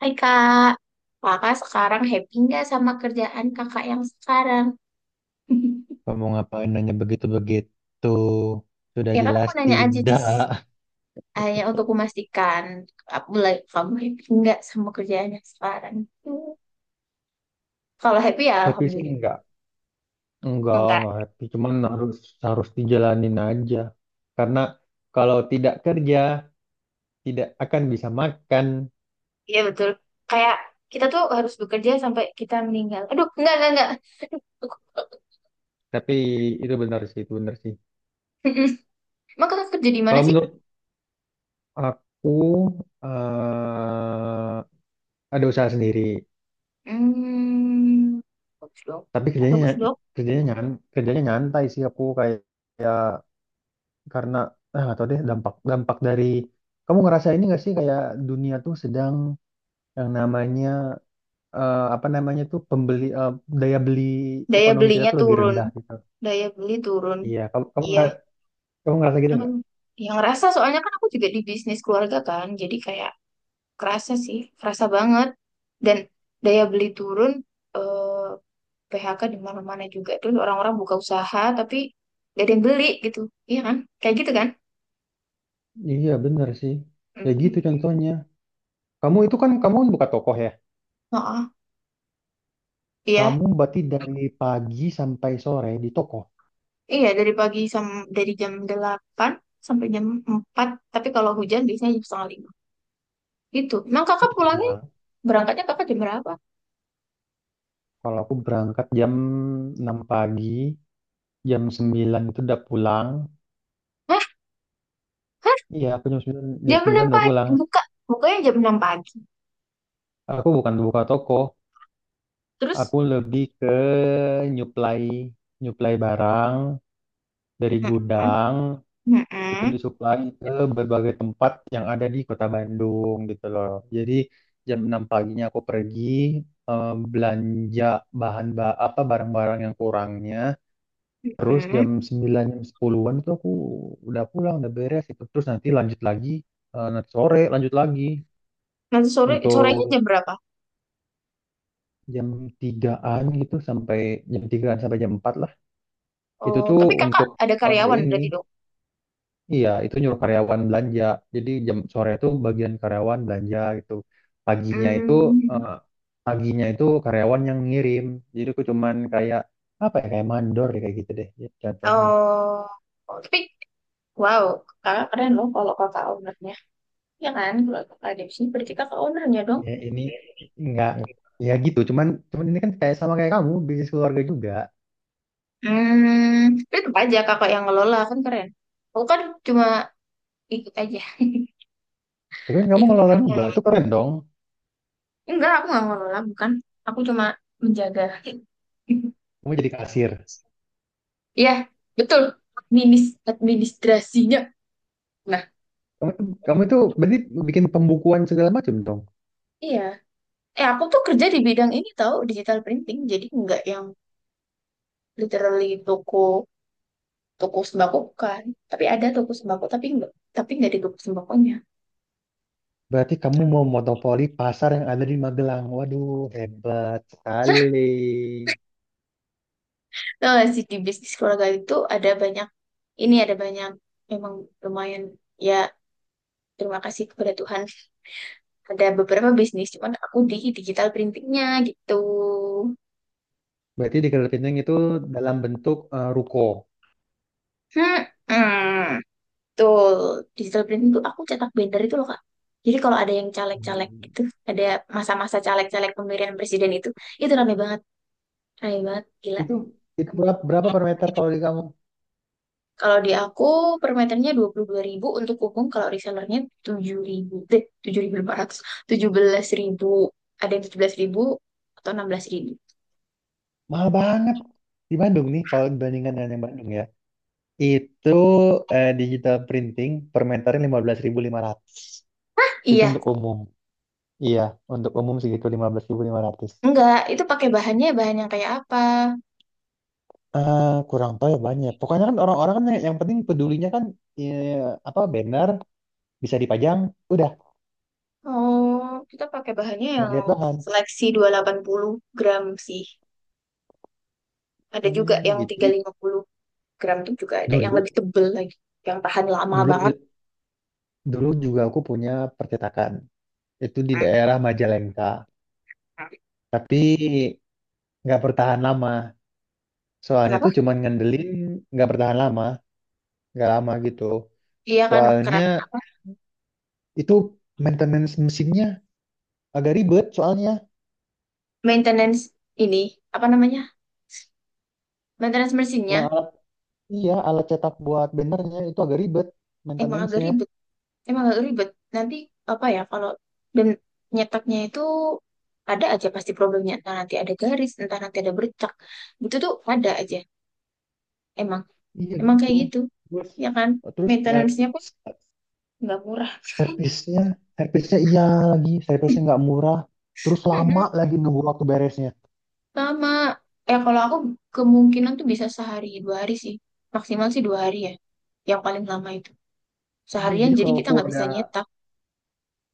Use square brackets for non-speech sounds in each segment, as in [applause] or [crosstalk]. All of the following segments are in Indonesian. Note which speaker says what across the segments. Speaker 1: Hai kak, kakak sekarang happy nggak sama kerjaan kakak yang sekarang? [laughs]
Speaker 2: Kamu ngapain nanya begitu-begitu? Sudah
Speaker 1: Ya kan aku
Speaker 2: jelas
Speaker 1: nanya aja
Speaker 2: tidak.
Speaker 1: Jis, hanya untuk memastikan aku like, kamu happy nggak sama kerjaan yang sekarang? Hmm. Kalau happy ya
Speaker 2: [laughs] Happy sih
Speaker 1: alhamdulillah.
Speaker 2: enggak.
Speaker 1: Enggak,
Speaker 2: Enggak happy. Cuman harus harus dijalanin aja. Karena kalau tidak kerja, tidak akan bisa makan.
Speaker 1: iya betul. Kayak kita tuh harus bekerja sampai kita meninggal. Aduh, enggak enggak. Aku-
Speaker 2: Tapi itu benar sih, itu benar sih.
Speaker 1: [laughs] Emang kakak kerja di mana
Speaker 2: Kalau
Speaker 1: sih?
Speaker 2: menurut aku, eh ada usaha sendiri.
Speaker 1: Hmm, bagus dong.
Speaker 2: Tapi kerjanya
Speaker 1: Bagus dong.
Speaker 2: kerjanya nyan, kerjanya nyantai sih aku kayak kayak karena nggak tahu deh dampak dampak dari kamu ngerasa ini nggak sih kayak dunia tuh sedang yang namanya apa namanya tuh pembeli daya beli
Speaker 1: Daya
Speaker 2: ekonomi kita
Speaker 1: belinya
Speaker 2: tuh lagi
Speaker 1: turun,
Speaker 2: rendah gitu.
Speaker 1: daya beli turun.
Speaker 2: Iya, kamu kamu
Speaker 1: Iya,
Speaker 2: ngera- kamu ngerasa gitu
Speaker 1: aku
Speaker 2: nggak?
Speaker 1: yang ngerasa soalnya kan aku juga di bisnis keluarga kan, jadi kayak kerasa sih, kerasa banget. Dan daya beli turun, eh, PHK di mana-mana juga. Tuh orang-orang buka usaha tapi gak ada yang beli gitu, iya kan? Kayak gitu kan?
Speaker 2: Iya bener sih. Kayak gitu
Speaker 1: Mm-mm.
Speaker 2: contohnya. Kamu itu kan kamu buka toko ya.
Speaker 1: Oh, iya,
Speaker 2: Kamu berarti dari pagi sampai sore di toko.
Speaker 1: iya dari jam 8 sampai jam 4, tapi kalau hujan biasanya jam setengah lima. Gitu. Emang
Speaker 2: Oh,
Speaker 1: kakak
Speaker 2: cepet
Speaker 1: pulangnya,
Speaker 2: banget.
Speaker 1: berangkatnya kakak jam berapa?
Speaker 2: Kalau aku berangkat jam 6 pagi, jam 9 itu udah pulang.
Speaker 1: Hah?
Speaker 2: Iya, aku jam 9 jam
Speaker 1: Jam 6
Speaker 2: 9 udah
Speaker 1: pagi,
Speaker 2: pulang.
Speaker 1: buka, bukanya jam 6 pagi.
Speaker 2: Aku bukan buka toko,
Speaker 1: Terus,
Speaker 2: aku lebih ke nyuplai nyuplai barang dari
Speaker 1: mm-mm.
Speaker 2: gudang itu
Speaker 1: Mm-mm,
Speaker 2: disuplai ke berbagai tempat yang ada di Kota Bandung gitu loh. Jadi jam 6 paginya aku pergi eh, belanja bahan ba apa barang-barang yang kurangnya. Terus
Speaker 1: mm-mm.
Speaker 2: jam 9 jam sepuluhan itu aku udah pulang, udah beres itu. Terus nanti lanjut lagi nanti sore lanjut lagi
Speaker 1: Nanti sore, sorenya
Speaker 2: untuk
Speaker 1: jam berapa?
Speaker 2: jam 3-an gitu sampai jam 3-an sampai jam 4. Itu
Speaker 1: Oh,
Speaker 2: tuh
Speaker 1: tapi kakak
Speaker 2: untuk
Speaker 1: ada karyawan
Speaker 2: ini,
Speaker 1: berarti dong.
Speaker 2: iya itu nyuruh karyawan belanja. Jadi jam sore itu bagian karyawan belanja gitu. Paginya itu
Speaker 1: Hmm.
Speaker 2: eh, paginya itu karyawan yang ngirim. Jadi aku cuman kayak apa ya kayak mandor ya, kayak gitu deh jatuhnya.
Speaker 1: Oh, oh, tapi wow, kakak keren loh kalau kakak ownernya. Ya kan, kalau kakak ada di sini berarti kakak ownernya dong.
Speaker 2: Ya, ini nggak ya gitu. Cuman cuman ini kan kayak sama kayak kamu bisnis keluarga juga.
Speaker 1: Hmm, tapi tetap aja kakak yang ngelola kan keren. Aku kan cuma ikut aja. [laughs]
Speaker 2: Tapi kan kamu
Speaker 1: Ikut
Speaker 2: ngelola juga,
Speaker 1: aja.
Speaker 2: itu keren dong.
Speaker 1: Enggak, aku nggak ngelola, bukan. Aku cuma menjaga. [laughs]
Speaker 2: Kamu jadi kasir.
Speaker 1: Iya, betul. Administ administrasinya. Nah,
Speaker 2: Kamu, kamu itu berarti bikin pembukuan segala macam dong.
Speaker 1: iya. Aku tuh kerja di bidang ini tahu digital printing. Jadi nggak yang literally toko toko sembako bukan. Tapi ada toko sembako tapi nggak di toko sembakonya.
Speaker 2: Berarti kamu mau monopoli pasar yang ada di Magelang. Waduh, hebat
Speaker 1: [laughs]
Speaker 2: sekali.
Speaker 1: Tahu nggak sih di bisnis keluarga itu ada banyak ini ada banyak memang lumayan ya, terima kasih kepada Tuhan, ada beberapa bisnis cuman aku di digital printingnya gitu.
Speaker 2: Berarti di Kedai Pinang itu dalam bentuk ruko.
Speaker 1: Hmm. Hmm. Betul, digital printing tuh aku cetak binder itu loh Kak. Jadi kalau ada yang caleg-caleg itu,
Speaker 2: Hmm.
Speaker 1: ada masa-masa caleg-caleg pemilihan presiden itu rame banget, gila.
Speaker 2: Itu itu berapa per meter kalau di kamu?
Speaker 1: Kalau di aku per meternya dua 22.000 untuk umum, kalau resellernya 7.000, 7.500, 17.000, ada yang 17.000 atau 16.000.
Speaker 2: Mahal banget. Di Bandung nih, kalau dibandingkan dengan yang Bandung ya. Itu digital printing per meternya 15.500. Itu
Speaker 1: Iya,
Speaker 2: untuk umum. Iya, untuk umum segitu 15.500.
Speaker 1: enggak, itu pakai bahannya bahan yang kayak apa?
Speaker 2: Kurang tahu ya banyak. Pokoknya kan orang-orang kan yang penting pedulinya kan ya, apa banner bisa dipajang, udah
Speaker 1: Oh, kita pakai bahannya
Speaker 2: nggak
Speaker 1: yang
Speaker 2: lihat bahan.
Speaker 1: seleksi 280 gram sih. Ada juga
Speaker 2: Hmm,
Speaker 1: yang
Speaker 2: gitu.
Speaker 1: 350 gram tuh juga, ada yang
Speaker 2: Dulu,
Speaker 1: lebih tebel lagi, yang tahan lama
Speaker 2: dulu,
Speaker 1: banget.
Speaker 2: dulu juga aku punya percetakan. Itu di
Speaker 1: Nah,
Speaker 2: daerah Majalengka,
Speaker 1: nah.
Speaker 2: tapi nggak bertahan lama. Soalnya
Speaker 1: Kenapa?
Speaker 2: tuh cuman ngandelin nggak bertahan lama, nggak lama gitu.
Speaker 1: Iya kan,
Speaker 2: Soalnya
Speaker 1: karena
Speaker 2: itu maintenance mesinnya agak ribet. Soalnya
Speaker 1: maintenance ini, apa namanya, maintenance
Speaker 2: yang
Speaker 1: mesinnya
Speaker 2: alat iya alat cetak buat bannernya itu agak ribet
Speaker 1: emang agak
Speaker 2: maintenance-nya.
Speaker 1: ribet. Emang agak ribet. Nanti, apa ya, kalau dan nyetaknya itu ada aja pasti problemnya. Entah nanti ada garis, entah nanti ada bercak. Itu tuh ada aja. Emang,
Speaker 2: Iya
Speaker 1: emang
Speaker 2: gitu.
Speaker 1: kayak gitu.
Speaker 2: Terus
Speaker 1: Ya kan?
Speaker 2: terus
Speaker 1: Maintenance-nya pun nggak murah.
Speaker 2: Servisnya, servisnya iya lagi, servisnya nggak murah, terus lama
Speaker 1: [laughs]
Speaker 2: lagi nunggu waktu beresnya.
Speaker 1: Sama, ya kalau aku kemungkinan tuh bisa sehari dua hari sih. Maksimal sih dua hari ya. Yang paling lama itu.
Speaker 2: Iya,
Speaker 1: Seharian
Speaker 2: jadi
Speaker 1: jadi
Speaker 2: kalau
Speaker 1: kita
Speaker 2: aku
Speaker 1: nggak
Speaker 2: ada,
Speaker 1: bisa nyetak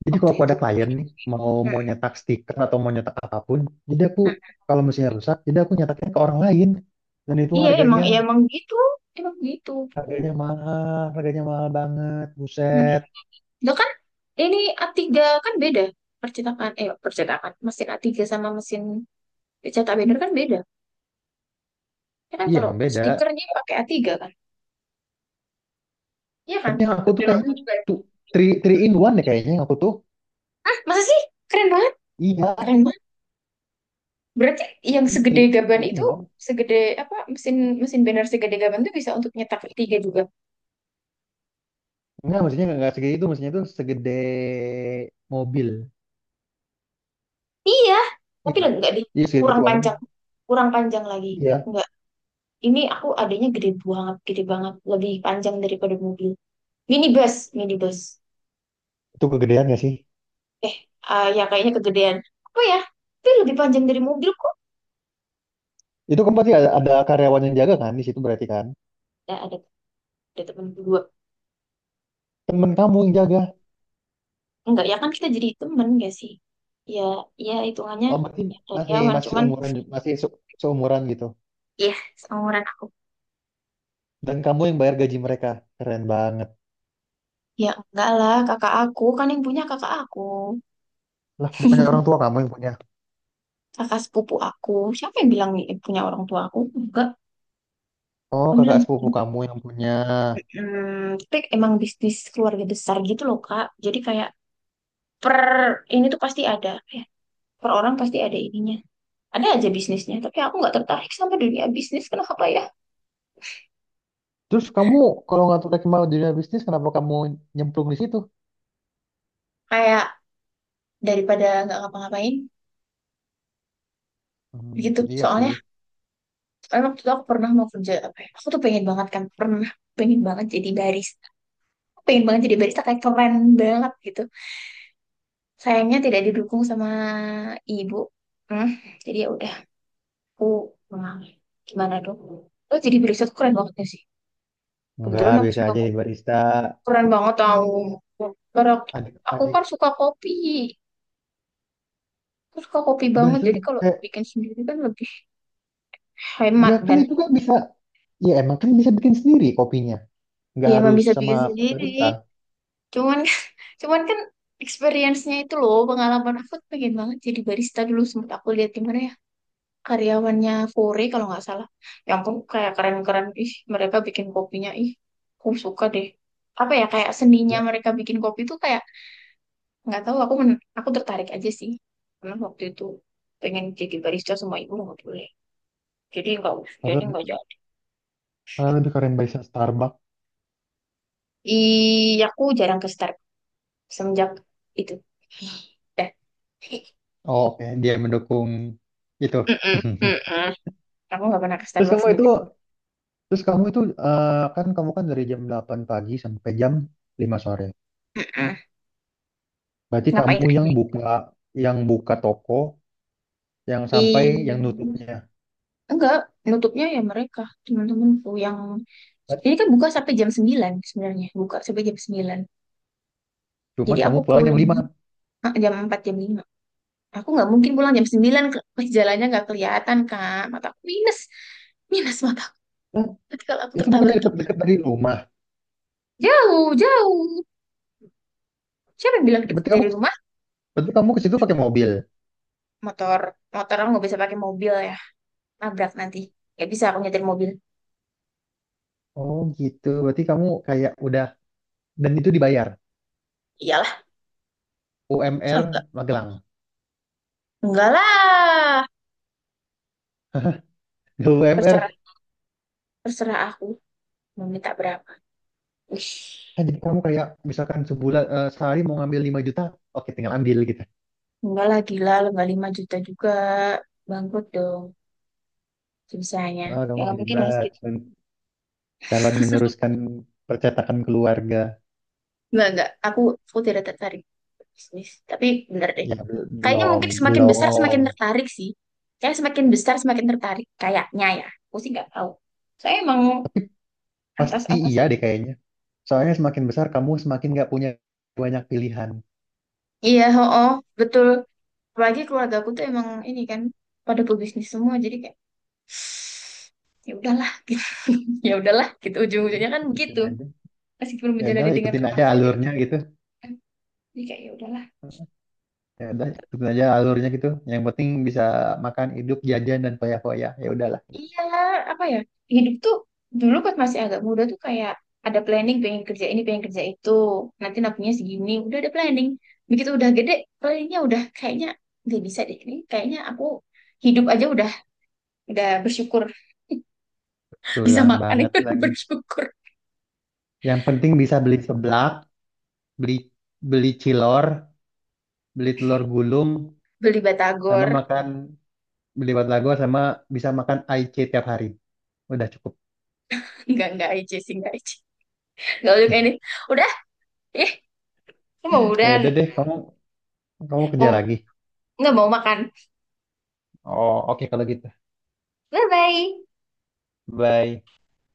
Speaker 2: jadi kalau
Speaker 1: waktu
Speaker 2: aku
Speaker 1: itu.
Speaker 2: ada klien nih, mau mau
Speaker 1: mm
Speaker 2: nyetak stiker atau mau nyetak apapun, jadi aku kalau mesinnya rusak, jadi aku nyetaknya ke orang lain, dan itu harganya
Speaker 1: Iya emang gitu. Emang gitu.
Speaker 2: harganya mahal, harganya mahal banget,
Speaker 1: Hmm.
Speaker 2: buset.
Speaker 1: Lah kan ini A3 kan beda. Percetakan, percetakan. Mesin A3 sama mesin cetak binder kan beda. Ya kan
Speaker 2: Iya,
Speaker 1: kalau
Speaker 2: emang beda.
Speaker 1: stikernya pakai A3 kan. Iya kan?
Speaker 2: Tapi yang aku tuh
Speaker 1: Betul, aku
Speaker 2: kayaknya
Speaker 1: juga. Ya.
Speaker 2: tuh three in one deh kayaknya yang aku tuh.
Speaker 1: Masa sih? Keren banget.
Speaker 2: Iya,
Speaker 1: Keren. Berarti yang
Speaker 2: iya
Speaker 1: segede
Speaker 2: three,
Speaker 1: gaban
Speaker 2: three in
Speaker 1: itu,
Speaker 2: one.
Speaker 1: segede apa, mesin mesin banner segede gaban itu bisa untuk nyetak tiga juga.
Speaker 2: Enggak, maksudnya nggak segede itu, maksudnya itu segede mobil.
Speaker 1: Iya, tapi
Speaker 2: Iya,
Speaker 1: enggak deh,
Speaker 2: iya
Speaker 1: kurang
Speaker 2: segituan.
Speaker 1: panjang, kurang panjang lagi.
Speaker 2: Iya,
Speaker 1: Enggak, ini aku adanya gede banget, lebih panjang daripada mobil. Minibus, minibus.
Speaker 2: itu kegedean ya sih?
Speaker 1: Eh, ya kayaknya kegedean. Apa ya? Tapi lebih panjang dari mobil kok.
Speaker 2: Itu kan berarti ada karyawan yang jaga kan di situ berarti kan?
Speaker 1: Ada, ada, ada temen berdua.
Speaker 2: Temen kamu yang jaga.
Speaker 1: Enggak, ya kan kita jadi temen gak sih? Ya, ya hitungannya
Speaker 2: Oh, berarti
Speaker 1: ya
Speaker 2: masih
Speaker 1: karyawan,
Speaker 2: masih
Speaker 1: cuman
Speaker 2: umuran ju- masih se- seumuran gitu.
Speaker 1: ya seumuran.
Speaker 2: Dan kamu yang bayar gaji mereka. Keren banget.
Speaker 1: Ya enggak lah, kakak aku kan yang punya, kakak aku,
Speaker 2: Lah, bukannya orang tua kamu yang punya.
Speaker 1: kakak sepupu aku. Siapa yang bilang ini punya orang tua aku? Enggak,
Speaker 2: Oh,
Speaker 1: aku
Speaker 2: kakak
Speaker 1: bilang
Speaker 2: sepupu kamu yang punya.
Speaker 1: hmm, tapi emang bisnis keluarga besar gitu loh kak. Jadi kayak per ini tuh pasti ada, ya, per orang pasti ada ininya. Ada aja bisnisnya, tapi aku nggak tertarik sama dunia bisnis. Kenapa ya?
Speaker 2: Terus kamu kalau nggak tertarik mau dunia bisnis, kenapa kamu nyemplung di situ?
Speaker 1: Kayak daripada nggak ngapa-ngapain
Speaker 2: Hmm,
Speaker 1: gitu.
Speaker 2: iya
Speaker 1: Soalnya
Speaker 2: sih.
Speaker 1: emang tuh aku pernah mau kerja apa ya? Aku tuh pengen banget kan, pernah pengen banget jadi barista. Pengen banget jadi barista kayak keren banget gitu. Sayangnya tidak didukung sama ibu. Hmm, jadi ya udah aku mengalir. Gimana dong? Oh, jadi Brisat tuh keren banget ya sih.
Speaker 2: Enggak,
Speaker 1: Kebetulan aku
Speaker 2: biasa
Speaker 1: suka
Speaker 2: aja
Speaker 1: kok.
Speaker 2: di barista.
Speaker 1: Keren banget tau. Karena aku
Speaker 2: Adik,
Speaker 1: aku
Speaker 2: adik.
Speaker 1: kan suka kopi. Aku suka kopi banget.
Speaker 2: Barista
Speaker 1: Jadi
Speaker 2: tuh
Speaker 1: kalau
Speaker 2: kayak.
Speaker 1: bikin sendiri kan lebih hemat
Speaker 2: Ya kan
Speaker 1: dan
Speaker 2: itu kan bisa, ya emang kan bisa bikin sendiri kopinya. Nggak
Speaker 1: ya emang
Speaker 2: harus
Speaker 1: bisa
Speaker 2: sama
Speaker 1: bikin sendiri.
Speaker 2: barista.
Speaker 1: Cuman [laughs] cuman kan experience-nya itu loh, pengalaman aku tuh pengen banget jadi barista, dulu sempat aku lihat di mana ya, karyawannya Kore kalau nggak salah. Yang ampun kayak keren-keren. Ih, mereka bikin kopinya. Ih, aku suka deh. Apa ya kayak seninya
Speaker 2: Ya.
Speaker 1: mereka bikin kopi tuh kayak nggak tahu, aku aku tertarik aja sih. Karena waktu itu pengen jadi barista sama ibu nggak boleh. Jadi nggak jadi
Speaker 2: Padahal
Speaker 1: nggak jadi
Speaker 2: padahal lebih keren barista Starbucks.
Speaker 1: Ih, aku jarang ke Starbucks semenjak itu. Dah.
Speaker 2: Oh, oke, dia mendukung itu.
Speaker 1: Mm-mm,
Speaker 2: [laughs]
Speaker 1: mm-mm. Aku nggak pernah ke
Speaker 2: Terus
Speaker 1: Starbucks
Speaker 2: kamu itu,
Speaker 1: semenjak.
Speaker 2: terus kamu itu eh, Kan kamu kan dari jam 8 pagi sampai jam 5 sore.
Speaker 1: Mm-mm.
Speaker 2: Berarti
Speaker 1: Ngapain
Speaker 2: kamu yang
Speaker 1: aja?
Speaker 2: buka toko, yang sampai yang
Speaker 1: Ih.
Speaker 2: nutupnya.
Speaker 1: Enggak, nutupnya ya mereka, teman-temanku yang, jadi kan buka sampai jam 9 sebenarnya, buka sampai jam 9.
Speaker 2: Cuman
Speaker 1: Jadi
Speaker 2: kamu
Speaker 1: aku
Speaker 2: pulang jam
Speaker 1: pulang
Speaker 2: lima
Speaker 1: jam 4 jam 5. Aku nggak mungkin pulang jam 9 ke pas jalannya nggak kelihatan, Kak. Mataku minus. Minus mata.
Speaker 2: Nah,
Speaker 1: Nanti [laughs] kalau aku
Speaker 2: itu bukannya
Speaker 1: tertabrak gitu.
Speaker 2: dekat-dekat dari rumah.
Speaker 1: Jauh, jauh. Siapa yang bilang deket
Speaker 2: Berarti kamu
Speaker 1: dari rumah?
Speaker 2: berarti kamu ke situ pakai mobil.
Speaker 1: Motor. Motor, aku nggak bisa pakai mobil ya. Nabrak nanti. Nggak bisa aku nyetir mobil.
Speaker 2: Oh gitu. Berarti kamu kayak udah dan itu dibayar
Speaker 1: Iyalah, [laughs] masa
Speaker 2: UMR
Speaker 1: enggak.
Speaker 2: Magelang.
Speaker 1: Enggak lah.
Speaker 2: Nggak UMR
Speaker 1: Terserah, terserah aku. Mau minta berapa. Wih.
Speaker 2: kan jadi kamu kayak misalkan sebulan eh, sehari mau ngambil 5 juta, oke tinggal ambil gitu.
Speaker 1: Enggak lah, gila. Lo nggak 5 juta juga. Bangkrut dong bisanya.
Speaker 2: Wah,
Speaker 1: Ya
Speaker 2: kamu
Speaker 1: nggak mungkin lah
Speaker 2: hebat.
Speaker 1: segitu.
Speaker 2: Calon meneruskan percetakan keluarga.
Speaker 1: Enggak, enggak. Aku tidak tertarik. Bisnis. Tapi bener deh.
Speaker 2: Ya,
Speaker 1: Kayaknya
Speaker 2: belum
Speaker 1: mungkin semakin besar
Speaker 2: belum
Speaker 1: semakin tertarik sih. Kayak semakin besar semakin tertarik. Kayaknya ya. Aku sih nggak tahu. Saya emang
Speaker 2: tapi pasti iya
Speaker 1: atas-atas.
Speaker 2: deh kayaknya. Soalnya semakin besar kamu semakin nggak punya banyak pilihan.
Speaker 1: Iya, oh, betul. Apalagi keluarga aku tuh emang ini kan pada pebisnis semua. Jadi kayak [sniffs] [sighs] ya udahlah gitu. [laughs] Ya udahlah gitu.
Speaker 2: Jadi,
Speaker 1: Ujung-ujungnya kan
Speaker 2: ikutin
Speaker 1: begitu.
Speaker 2: aja.
Speaker 1: Meskipun
Speaker 2: Ya udah
Speaker 1: menjalani dengan
Speaker 2: ikutin aja
Speaker 1: terpaksa jadi
Speaker 2: alurnya
Speaker 1: kayak,
Speaker 2: gitu.
Speaker 1: Ya udahlah.
Speaker 2: Ya udah ikutin aja alurnya gitu. Yang penting bisa makan, hidup, jajan dan foya-foya, ya udahlah.
Speaker 1: Iya, apa ya? Hidup tuh dulu pas masih agak muda tuh kayak ada planning pengen kerja ini, pengen kerja itu. Nanti nabungnya segini, udah ada planning. Begitu udah gede, planningnya udah kayaknya nggak bisa deh. Ini kayaknya aku hidup aja udah, bersyukur [laughs] bisa
Speaker 2: Tulang
Speaker 1: makan
Speaker 2: banget
Speaker 1: itu [laughs]
Speaker 2: lagi.
Speaker 1: bersyukur
Speaker 2: Yang penting bisa beli seblak, beli beli cilor, beli telur gulung,
Speaker 1: beli
Speaker 2: sama
Speaker 1: batagor,
Speaker 2: makan beli batagor sama bisa makan IC tiap hari. Udah cukup.
Speaker 1: nggak aja sih, nggak aja, nggak boleh kayak ini
Speaker 2: [laughs]
Speaker 1: udah eh mau
Speaker 2: Ya
Speaker 1: udah
Speaker 2: udah deh, kamu kamu kerja
Speaker 1: mau
Speaker 2: lagi.
Speaker 1: nggak mau makan
Speaker 2: Oh, oke kalau gitu. Bye.